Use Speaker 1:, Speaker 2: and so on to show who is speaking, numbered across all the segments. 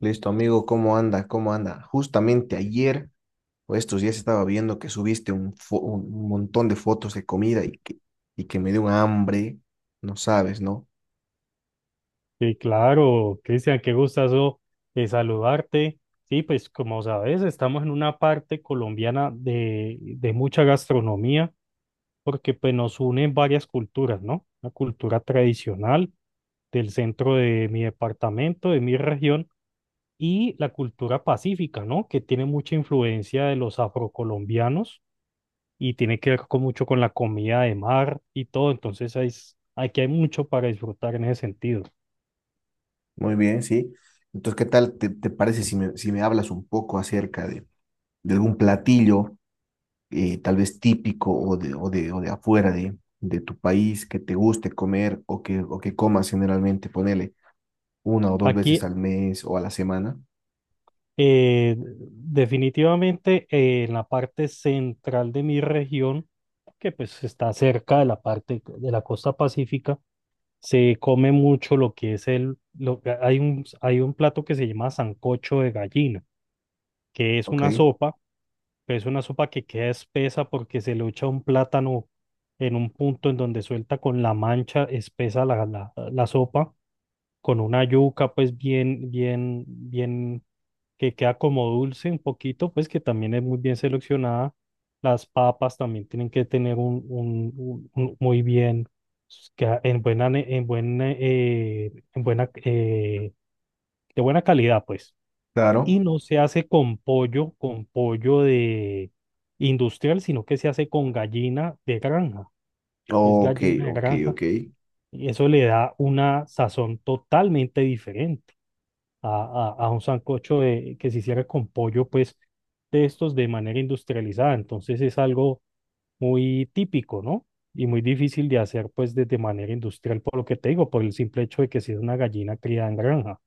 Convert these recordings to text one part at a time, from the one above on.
Speaker 1: Listo, amigo, ¿cómo anda? ¿Cómo anda? Justamente ayer o estos días estaba viendo que subiste un montón de fotos de comida y que me dio un hambre, no sabes, ¿no?
Speaker 2: Sí, claro, Cristian, qué gustazo saludarte. Sí, pues como sabes, estamos en una parte colombiana de mucha gastronomía, porque pues nos unen varias culturas, ¿no? La cultura tradicional del centro de mi departamento, de mi región, y la cultura pacífica, ¿no? Que tiene mucha influencia de los afrocolombianos y tiene que ver con mucho con la comida de mar y todo. Entonces, aquí hay mucho para disfrutar en ese sentido.
Speaker 1: Muy bien, sí. Entonces, ¿qué tal te parece si me hablas un poco acerca de algún platillo, tal vez típico o de afuera de tu país que te guste comer o que comas generalmente, ponele una o dos veces
Speaker 2: Aquí,
Speaker 1: al mes o a la semana?
Speaker 2: Definitivamente en la parte central de mi región, que pues está cerca de la parte de la costa pacífica, se come mucho lo que es el, lo, hay hay un plato que se llama sancocho de gallina, que es
Speaker 1: Ok,
Speaker 2: una sopa, pero es una sopa que queda espesa porque se le echa un plátano en un punto en donde suelta con la mancha espesa la sopa, con una yuca pues bien que queda como dulce un poquito, pues que también es muy bien seleccionada. Las papas también tienen que tener muy bien, que en buena, ne- en buena, de buena calidad, pues. Y
Speaker 1: claro.
Speaker 2: no se hace con pollo de industrial, sino que se hace con gallina de granja. Es
Speaker 1: Ok,
Speaker 2: gallina de
Speaker 1: ok,
Speaker 2: granja.
Speaker 1: ok.
Speaker 2: Y eso le da una sazón totalmente diferente a, a un sancocho que se hiciera con pollo, pues de estos de manera industrializada. Entonces es algo muy típico, ¿no? Y muy difícil de hacer, pues, de manera industrial, por lo que te digo, por el simple hecho de que sea una gallina criada en granja.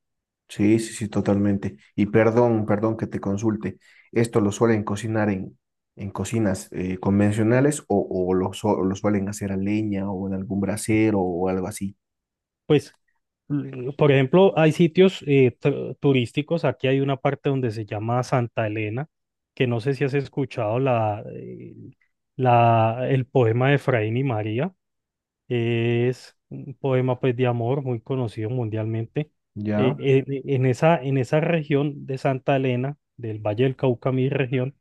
Speaker 1: Sí, sí, sí, totalmente. Y perdón, perdón que te consulte. ¿Esto lo suelen cocinar en cocinas convencionales o lo suelen hacer a leña o en algún brasero o algo así?
Speaker 2: Pues, por ejemplo, hay sitios turísticos. Aquí hay una parte donde se llama Santa Elena, que no sé si has escuchado el poema de Efraín y María. Es un poema pues de amor muy conocido mundialmente.
Speaker 1: Ya,
Speaker 2: En esa región de Santa Elena, del Valle del Cauca, mi región,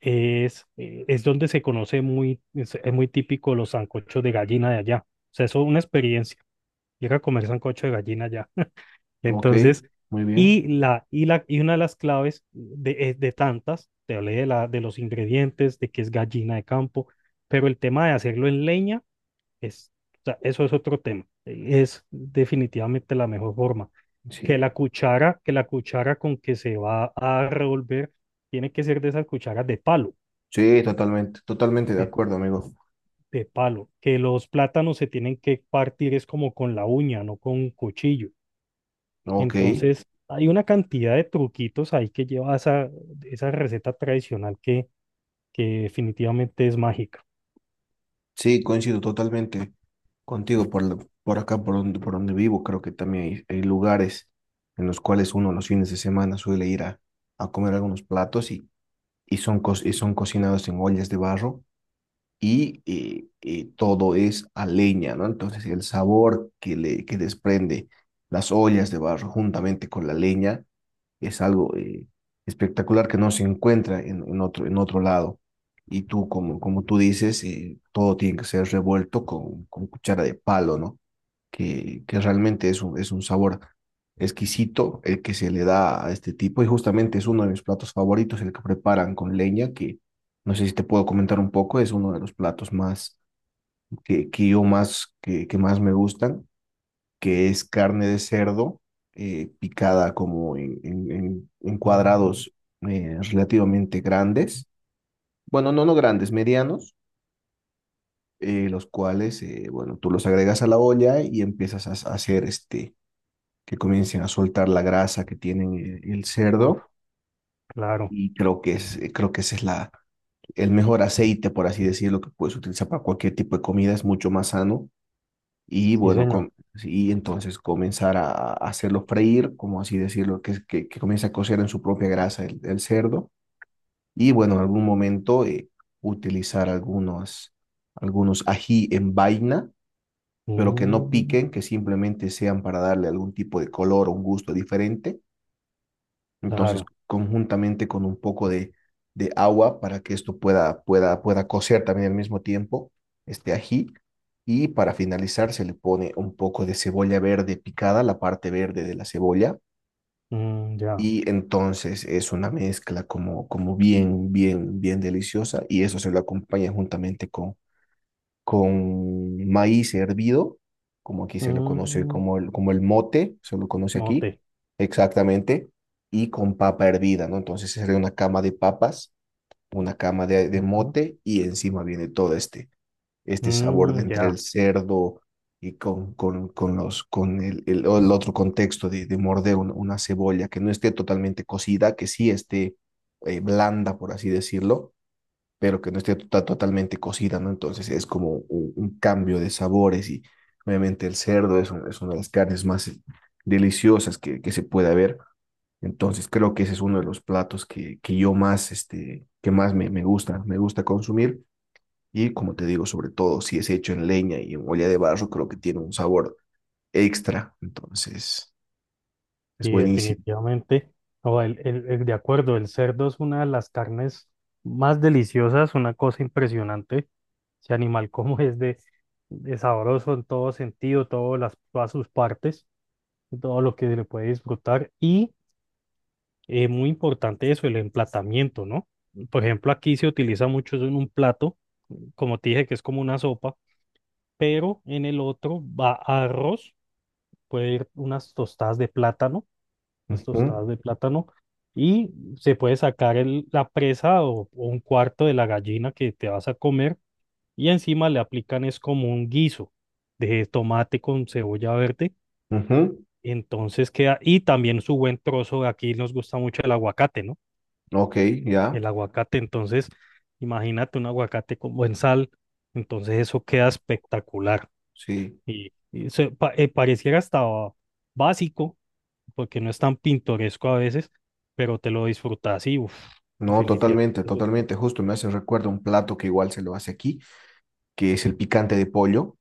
Speaker 2: es donde se conoce es muy típico los sancochos de gallina de allá. O sea, eso es una experiencia, llega a comer sancocho de gallina allá.
Speaker 1: ok,
Speaker 2: Entonces,
Speaker 1: muy bien.
Speaker 2: y una de las claves de tantas, te hablé de los ingredientes, de que es gallina de campo, pero el tema de hacerlo en leña es, o sea, eso es otro tema. Es definitivamente la mejor forma.
Speaker 1: Sí,
Speaker 2: Que la cuchara con que se va a revolver tiene que ser de esas cucharas de palo,
Speaker 1: sí, totalmente, totalmente de
Speaker 2: de,
Speaker 1: acuerdo, amigo.
Speaker 2: de palo. Que los plátanos se tienen que partir es como con la uña, no con un cuchillo.
Speaker 1: Ok,
Speaker 2: Entonces, hay una cantidad de truquitos ahí que lleva esa receta tradicional que definitivamente es mágica.
Speaker 1: sí, coincido totalmente contigo por acá, por donde vivo. Creo que también hay lugares en los cuales uno los fines de semana suele ir a comer algunos platos y y son cocinados en ollas de barro y, todo es a leña, ¿no? Entonces el sabor que desprende las ollas de barro juntamente con la leña es algo espectacular que no se encuentra en otro lado. Y tú, como, como tú dices, todo tiene que ser revuelto con cuchara de palo, ¿no? Que realmente es un sabor exquisito el que se le da a este tipo y justamente es uno de mis platos favoritos, el que preparan con leña, que no sé si te puedo comentar un poco, es uno de los platos más que más me gustan, que es carne de cerdo picada como en
Speaker 2: Mm,
Speaker 1: cuadrados relativamente grandes, bueno, no, no grandes, medianos, los cuales, bueno, tú los agregas a la olla y empiezas a hacer este que comiencen a soltar la grasa que tienen el
Speaker 2: uf,
Speaker 1: cerdo
Speaker 2: claro,
Speaker 1: y creo creo que ese es la, el mejor aceite, por así decirlo, que puedes utilizar para cualquier tipo de comida, es mucho más sano y
Speaker 2: sí,
Speaker 1: bueno,
Speaker 2: señor.
Speaker 1: com- y entonces comenzar a hacerlo freír, como así decirlo, que comience a cocer en su propia grasa el cerdo y bueno, en algún momento utilizar algunos ají en vaina pero que no
Speaker 2: Mm,
Speaker 1: piquen, que simplemente sean para darle algún tipo de color o un gusto diferente. Entonces,
Speaker 2: claro.
Speaker 1: conjuntamente con un poco de agua para que esto pueda cocer también al mismo tiempo, este ají. Y para finalizar, se le pone un poco de cebolla verde picada, la parte verde de la cebolla.
Speaker 2: Mm, ya.
Speaker 1: Y entonces es una mezcla como, como bien, bien, bien deliciosa. Y eso se lo acompaña juntamente con maíz hervido, como aquí se lo conoce
Speaker 2: Mm,
Speaker 1: como como el mote, se lo conoce aquí,
Speaker 2: mote.
Speaker 1: exactamente, y con papa hervida, ¿no? Entonces sería una cama de papas, una cama de
Speaker 2: Ujú.
Speaker 1: mote y encima viene todo este, este sabor de
Speaker 2: Mm,
Speaker 1: entre
Speaker 2: ya,
Speaker 1: el cerdo y con el, el otro contexto de morder una cebolla que no esté totalmente cocida, que sí esté blanda, por así decirlo, pero que no esté to- totalmente cocida, ¿no? Entonces es como un cambio de sabores y obviamente el cerdo es, un- es una de las carnes más deliciosas que se puede ver. Entonces creo que ese es uno de los platos que más me, me gusta consumir. Y como te digo, sobre todo si es hecho en leña y en olla de barro, creo que tiene un sabor extra. Entonces es
Speaker 2: sí,
Speaker 1: buenísimo.
Speaker 2: definitivamente. No, de acuerdo, el cerdo es una de las carnes más deliciosas, una cosa impresionante. Ese animal como es de sabroso en todo sentido, todas sus partes, todo lo que se le puede disfrutar. Y muy importante eso, el emplatamiento, ¿no? Por ejemplo, aquí se utiliza mucho eso en un plato, como te dije, que es como una sopa, pero en el otro va arroz, puede ir unas tostadas de plátano, unas
Speaker 1: Ujú,
Speaker 2: tostadas de plátano, y se puede sacar la presa o un cuarto de la gallina que te vas a comer, y encima le aplican es como un guiso de tomate con cebolla verde,
Speaker 1: ujú.
Speaker 2: entonces queda, y también su buen trozo, aquí nos gusta mucho el aguacate, ¿no?
Speaker 1: Ok, ya,
Speaker 2: El aguacate, entonces imagínate un aguacate con buen sal, entonces eso queda espectacular,
Speaker 1: sí.
Speaker 2: y, pareciera hasta básico porque no es tan pintoresco a veces, pero te lo disfrutas y uff,
Speaker 1: No,
Speaker 2: definitivamente.
Speaker 1: totalmente,
Speaker 2: Eso.
Speaker 1: totalmente. Justo me hace recuerdo un plato que igual se lo hace aquí, que es el picante de pollo,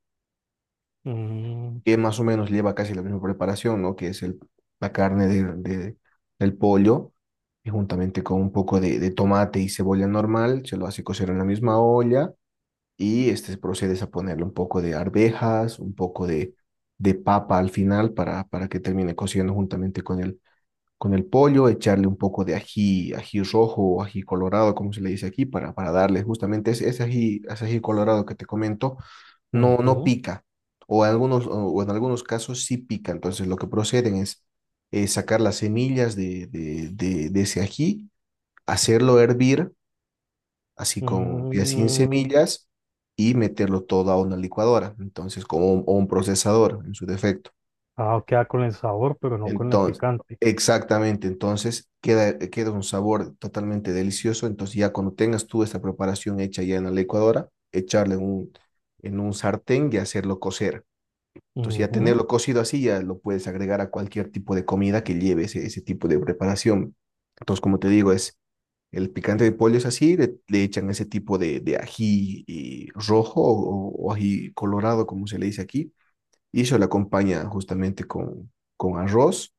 Speaker 2: Mm,
Speaker 1: que más o menos lleva casi la misma preparación, ¿no? Que es la carne del pollo, y juntamente con un poco de tomate y cebolla normal, se lo hace cocer en la misma olla y este procedes a ponerle un poco de arvejas, un poco de papa al final para que termine cociendo juntamente con el pollo, echarle un poco de ají, ají rojo o ají colorado, como se le dice aquí, para darle justamente ese, ese ají colorado que te comento, no, no
Speaker 2: ujú,
Speaker 1: pica, o, algunos, o en algunos casos sí pica. Entonces lo que proceden es sacar las semillas de ese ají, hacerlo hervir, así con ya sin
Speaker 2: mm.
Speaker 1: semillas, y meterlo todo a una licuadora, entonces como un- o un procesador en su defecto.
Speaker 2: Ah, queda con el sabor, pero no con el
Speaker 1: Entonces,
Speaker 2: picante.
Speaker 1: exactamente, entonces queda, queda un sabor totalmente delicioso. Entonces, ya cuando tengas tú esta preparación hecha ya en la licuadora, echarle en un sartén y hacerlo cocer. Entonces, ya
Speaker 2: Ujú.
Speaker 1: tenerlo cocido así, ya lo puedes agregar a cualquier tipo de comida que lleve ese, ese tipo de preparación. Entonces, como te digo, es el picante de pollo es así, le echan ese tipo de ají y rojo o ají colorado, como se le dice aquí, y eso lo acompaña justamente con arroz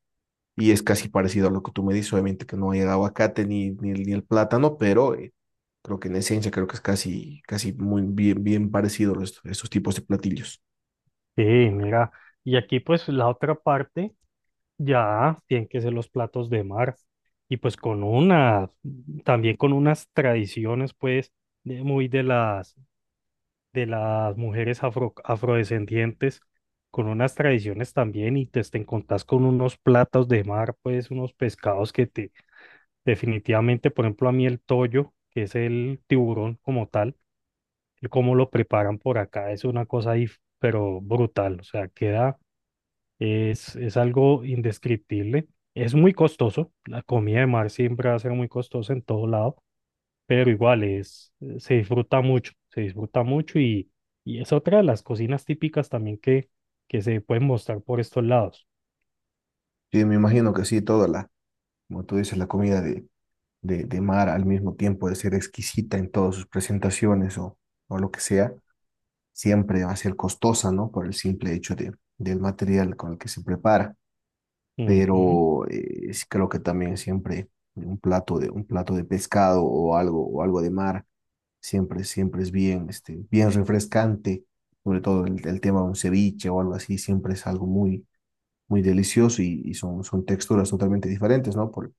Speaker 1: y es casi parecido a lo que tú me dices, obviamente que no hay el aguacate ni el plátano, pero creo que en esencia creo que es casi, casi muy bien, bien parecido a estos, estos tipos de platillos.
Speaker 2: Sí, mira. Y aquí pues la otra parte ya tienen que ser los platos de mar. Y pues con unas, también con unas tradiciones pues muy de las mujeres afrodescendientes, con unas tradiciones también, y te encontrás con unos platos de mar, pues unos pescados que te definitivamente, por ejemplo, a mí el toyo, que es el tiburón como tal, el cómo lo preparan por acá, es una cosa ahí, pero brutal, o sea, queda, es algo indescriptible. Es muy costoso, la comida de mar siempre va a ser muy costosa en todo lado, pero igual es, se disfruta mucho y es otra de las cocinas típicas también que se pueden mostrar por estos lados.
Speaker 1: Sí, me imagino que sí, toda la, como tú dices, la comida de mar al mismo tiempo de ser exquisita en todas sus presentaciones o lo que sea, siempre va a ser costosa, ¿no? Por el simple hecho de, del material con el que se prepara.
Speaker 2: Ujú.
Speaker 1: Pero creo que también siempre un plato de pescado o algo de mar, siempre, siempre es bien, este, bien refrescante, sobre todo el tema de un ceviche o algo así, siempre es algo muy, muy delicioso y son, son texturas totalmente diferentes, ¿no? Por-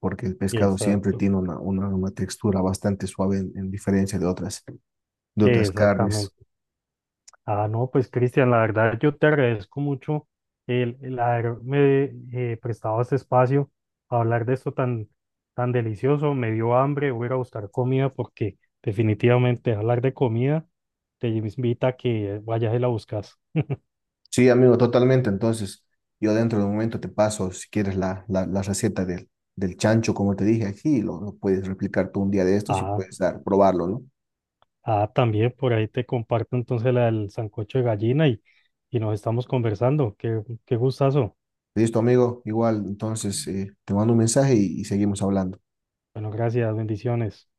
Speaker 1: porque el pescado siempre
Speaker 2: Exacto,
Speaker 1: tiene una, una textura bastante suave en diferencia de otras carnes.
Speaker 2: exactamente. Ah, no, pues Cristian, la verdad yo te agradezco mucho el haberme prestado este espacio a hablar de esto tan, tan delicioso. Me dio hambre, voy a ir a buscar comida porque definitivamente hablar de comida te invita a que vayas y la buscas.
Speaker 1: Sí, amigo, totalmente. Entonces, yo dentro de un momento te paso, si quieres, la receta del, del chancho, como te dije aquí, y lo puedes replicar tú un día de estos y
Speaker 2: Ah.
Speaker 1: puedes dar, probarlo, ¿no?
Speaker 2: Ah, también por ahí te comparto entonces la del sancocho de gallina y nos estamos conversando. Qué gustazo.
Speaker 1: Listo, amigo, igual, entonces, te mando un mensaje y seguimos hablando.
Speaker 2: Bueno, gracias, bendiciones.